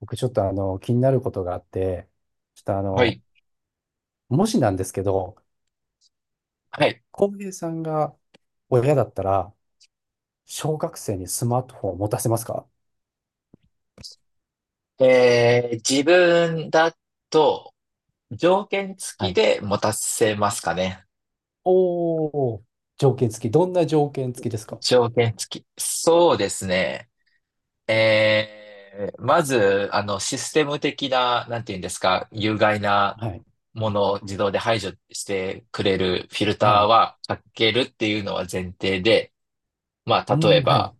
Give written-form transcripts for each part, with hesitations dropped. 僕ちょっと気になることがあって、ちょっとはい。もしなんですけど、はい。浩平さんが親だったら、小学生にスマートフォンを持たせますか？自分だと、条件付はきい。で持たせますかね。おー、条件付き。どんな条件付きですか？条件付き。そうですね。まず、システム的な、なんていうんですか、有害なはい。ものを自動で排除してくれるフィルタはーい。はかけるっていうのは前提で、まうあ、例えん、はば、い。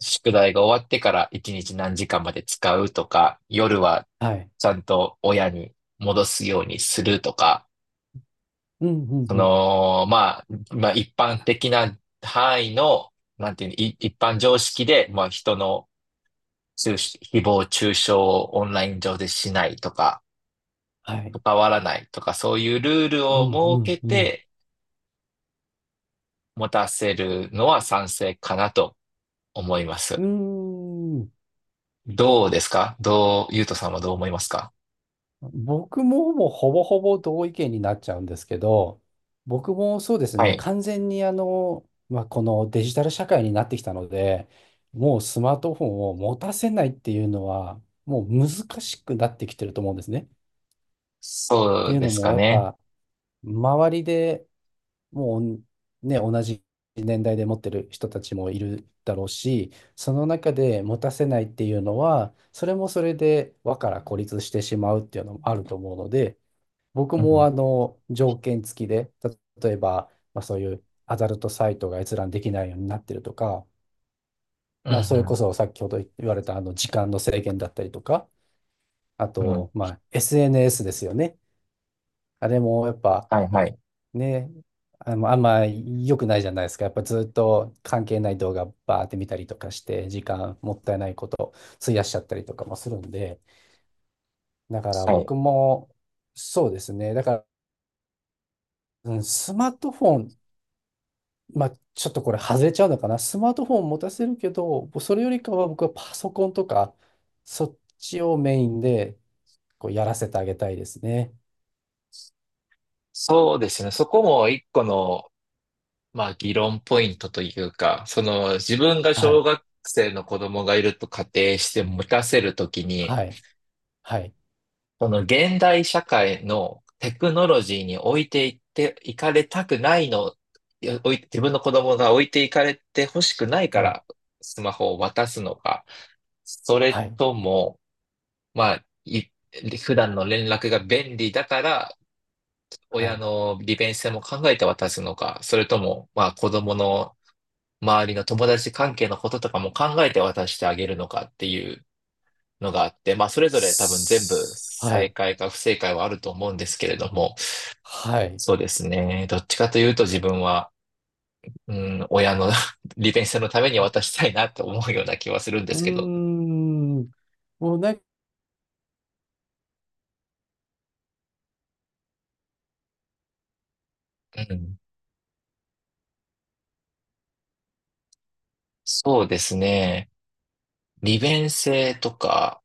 宿題が終わってから1日何時間まで使うとか、夜ははい。ちゃんと親に戻すようにするとか、うん、うん、そうん。の、まあ、一般的な範囲の、なんていうの、一般常識で、まあ、人の誹謗中傷をオンライン上でしないとか、はい。関わらないとか、そういうルールうをん、う設けん、うん。て持たせるのは賛成かなと思います。うーん。どうですかどう、ゆうとさんはどう思いますか？僕ももうほぼほぼ同意見になっちゃうんですけど、僕もそうですはね、い。完全にまあ、このデジタル社会になってきたので、もうスマートフォンを持たせないっていうのは、もう難しくなってきてると思うんですね。っそていううでのすも、かやっね。ぱ、周りでもうね、同じ年代で持ってる人たちもいるだろうし、その中で持たせないっていうのは、それもそれで輪から孤立してしまうっていうのもあると思うので、僕うもん。あの条件付きで、例えば、まあ、そういうアダルトサイトが閲覧できないようになってるとか、うまあ、それこん、そ先ほど言われたあの時間の制限だったりとか、あうん、うと、ん。まあ、SNS ですよね。あれもやっぱはい、はい。ね、まあんま良くないじゃないですか。やっぱずっと関係ない動画バーって見たりとかして、時間もったいないこと費やしちゃったりとかもするんで、だからはい。僕もそうですね。だから、うん、スマートフォン、まあ、ちょっとこれ外れちゃうのかな。スマートフォン持たせるけど、それよりかは僕はパソコンとか、そっちをメインでこうやらせてあげたいですね。そうですね。そこも一個の、まあ、議論ポイントというか、その自分がは小い。学生の子供がいると仮定して持たせるときに、はい。はい。その現代社会のテクノロジーに置いていっていかれたくないの、いや置い自分の子供が置いていかれて欲しくないかはい。らスマホを渡すのか、それはい。とも、まあ、普段の連絡が便利だから、は親い。の利便性も考えて渡すのか、それとも、まあ、子供の周りの友達関係のこととかも考えて渡してあげるのかっていうのがあって、まあそれぞれ多分全部すは正い。解か不正解はあると思うんですけれども、はい。そうですね。どっちかというと自分は、うん、親の 利便性のために渡したいなと思うような気はするんでうーすけど、ん。もうなんかうん、そうですね。利便性とか、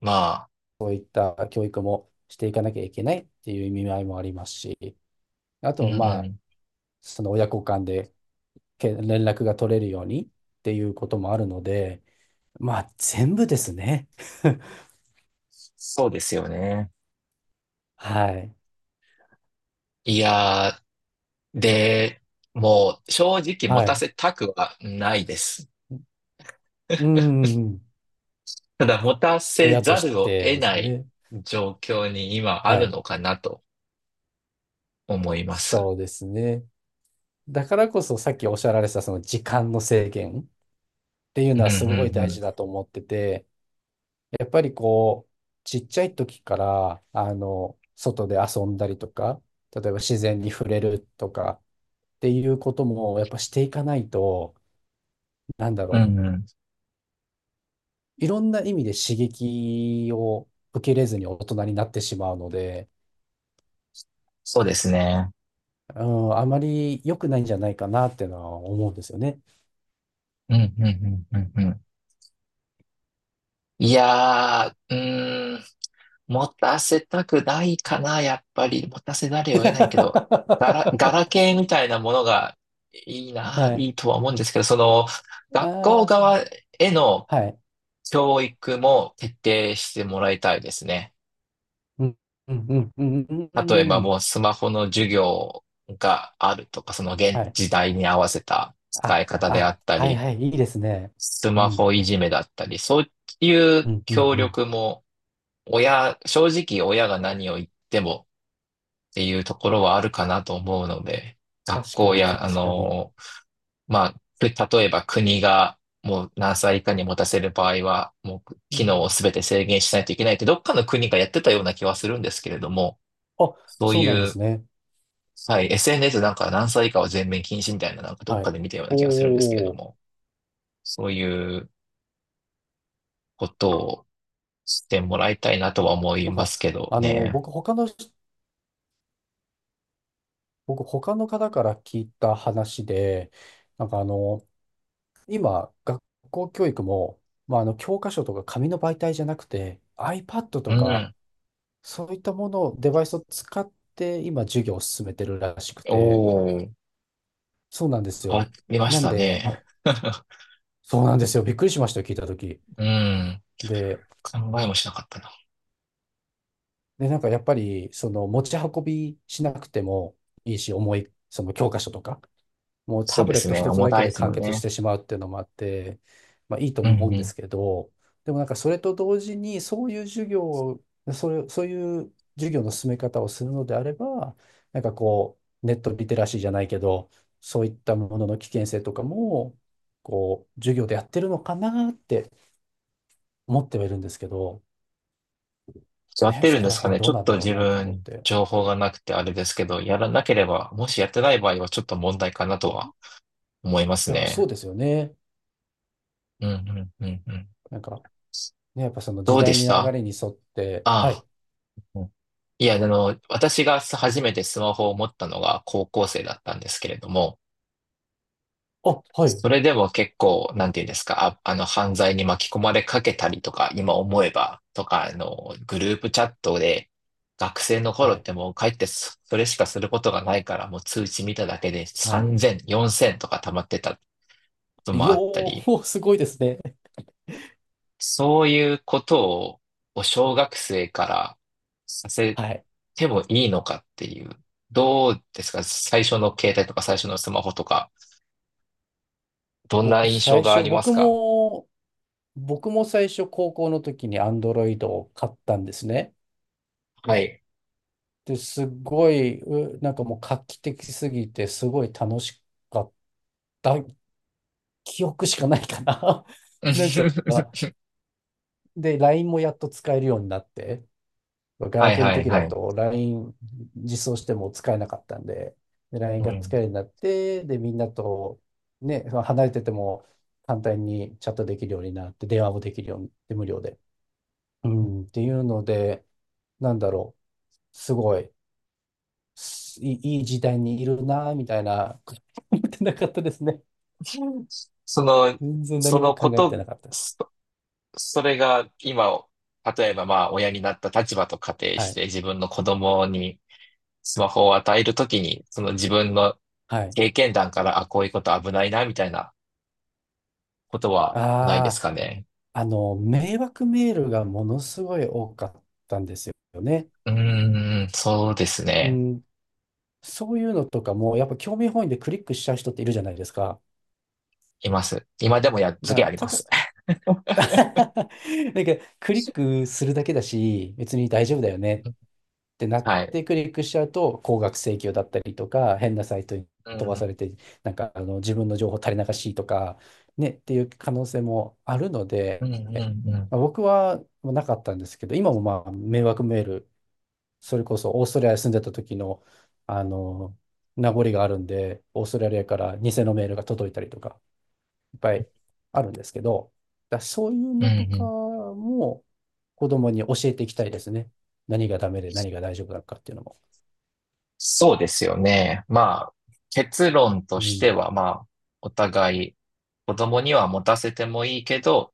まあ、そういった教育もしていかなきゃいけないっていう意味合いもありますし、あうと、んうまあ、ん、その親子間で連絡が取れるようにっていうこともあるので、まあ、全部ですね。そうですよね。はい。いやで、もう正直持はたい。せたくはないです。うん、ただ持たせ親とざしるをて得ですないね。状況に今あはるい。のかなと思います。そうですね。だからこそさっきおっしゃられたその時間の制限っていううのんうはすごい大ん事だと思ってて、やっぱりこう、ちっちゃい時から、外で遊んだりとか、例えば自然に触れるとかっていうこともやっぱしていかないと、なんだうろん。うんう。うん。いろんな意味で刺激を受けれずに大人になってしまうので、そうですね。うん、あまり良くないんじゃないかなっていうのは思うんですよね。うんうんうんうんうん。いやー、うーん、持たせたくないかな、やっぱり。持たせざ るを得ないけど、ガはラケーみたいなものがいいな、い。いいとは思うんですけど、その、学校あ側へのあ、はい。教育も徹底してもらいたいですね。うん、うん、うん、うん、うんう例えばんうん。もうスマホの授業があるとか、その現はい。時代に合わせたあ、使い方でああ、ったはい、り、はい、いいですね。スうマん、ホいじめだったり、そういううん、うん、協うん。力も正直親が何を言ってもっていうところはあるかなと思うので、学確か校に、や、確かに。まあ、く例えば国がもう何歳以下に持たせる場合は、もうう機能をん。全て制限しないといけないって、どっかの国がやってたような気はするんですけれども、あ、そうそういなんですうね。はい、SNS なんか何歳以下は全面禁止みたいな、なんかどっはかい。で見たような気がするんですけれおどお、も、そういうことをしてもらいたいなとは思いなんまか、すけどあの、ね。僕、他の人僕、他の方から聞いた話で、なんか今、学校教育も、まあ、教科書とか紙の媒体じゃなくて、iPad うとか、ん。そういったものを、デバイスを使って、今、授業を進めてるらしくおて、ー、そうなんです変わよ。りましなんたで、ね。そうなんですよ。びっくりしましたよ、聞いたとき。うん。で、考えもしなかったな。なんかやっぱり、その、持ち運びしなくてもいいし、重い、その教科書とか、もうそタうブでレッすトね。一つ重だけたいでですも完ん結しね。てしまうっていうのもあって、まあいいとう思うんんうでん。すけど、でもなんかそれと同時に、そういう授業を、それ、そういう授業の進め方をするのであれば、なんかこう、ネットリテラシーじゃないけど、そういったものの危険性とかも、こう、授業でやってるのかなって思ってはいるんですけど、やっね、てるそんこでらすか辺ね。ちどうょっなんとだろう自なと思っ分、て。情報がなくてあれですけど、やらなければ、もしやってない場合はちょっと問題かなとは思いますいや、そうね。ですよね。うんうんうんうん。なんか、ね、やっぱそのど時うで代しに流たれに沿って、はあい、あ、いや、あの、私が初めてスマホを持ったのが高校生だったんですけれども、あ、はい、それでも結構、なんていうんですか、あ、あの、犯罪に巻き込まれかけたりとか、今思えば、とか、あの、グループチャットで、学生の頃はっい。てもう帰ってそれしかすることがないから、もう通知見ただけではい、3000、4000とか溜まってたこといもやあったり、ー、すごいですね。そういうことを、小学生からさせはい。てもいいのかっていう、どうですか最初の携帯とか最初のスマホとか、どんな僕、印象最があ初、ります僕か？も、僕も最初、高校の時に Android を買ったんですね。はい。で、すごい、なんかもう画期的すぎて、すごい楽しかった記憶しかないかな。なんか、で、LINE もやっと使えるようになって、ガはラいケーのはい時だはい。と LINE 実装しても使えなかったんで、で LINE うがん。使えるようになって、で、みんなとね、離れてても簡単にチャットできるようになって、電話もできるようになって、無料で。うん、っていうので、なんだろう、すごい、すいい、い時代にいるな、みたいな、思ってなかったですね。うん、その、全然そ何もの考こえてと、なかったです。そ、それが今、例えばまあ親になった立場と仮定はしい。て自分の子供にスマホを与えるときに、その自分のはい。経験談から、あ、こういうこと危ないな、みたいなことはないであすあ、かね。迷惑メールがものすごい多かったんですよね。うーん、そうですうね。ん、そういうのとかも、やっぱ興味本位でクリックしちゃう人っているじゃないですか。います。今でもやっつまけあ、ありまただ、す。なんか、クリックするだけだし、別に大丈夫だよねってなっはい。てクリックしちゃうと、高額請求だったりとか、変なサイトにうん、飛うばさん、れて、なんか、自分の情報垂れ流しとか、ね、っていう可能性もあるのうで、ん、うまあ、ん。僕はなかったんですけど、今もまあ、迷惑メールそれこそオーストラリアに住んでた時の、あの、名残があるんで、オーストラリアから偽のメールが届いたりとか、いっぱいあるんですけど、そういううん、のとうかん。も子供に教えていきたいですね。何がダメで何が大丈夫なのかっていうのも。そうですよね。まあ、結論うとしてん。は、まあ、お互い子供には持たせてもいいけど、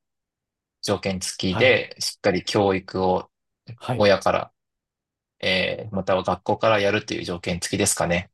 条件付きはい。で、しっかり教育をはい。親から、または学校からやるという条件付きですかね。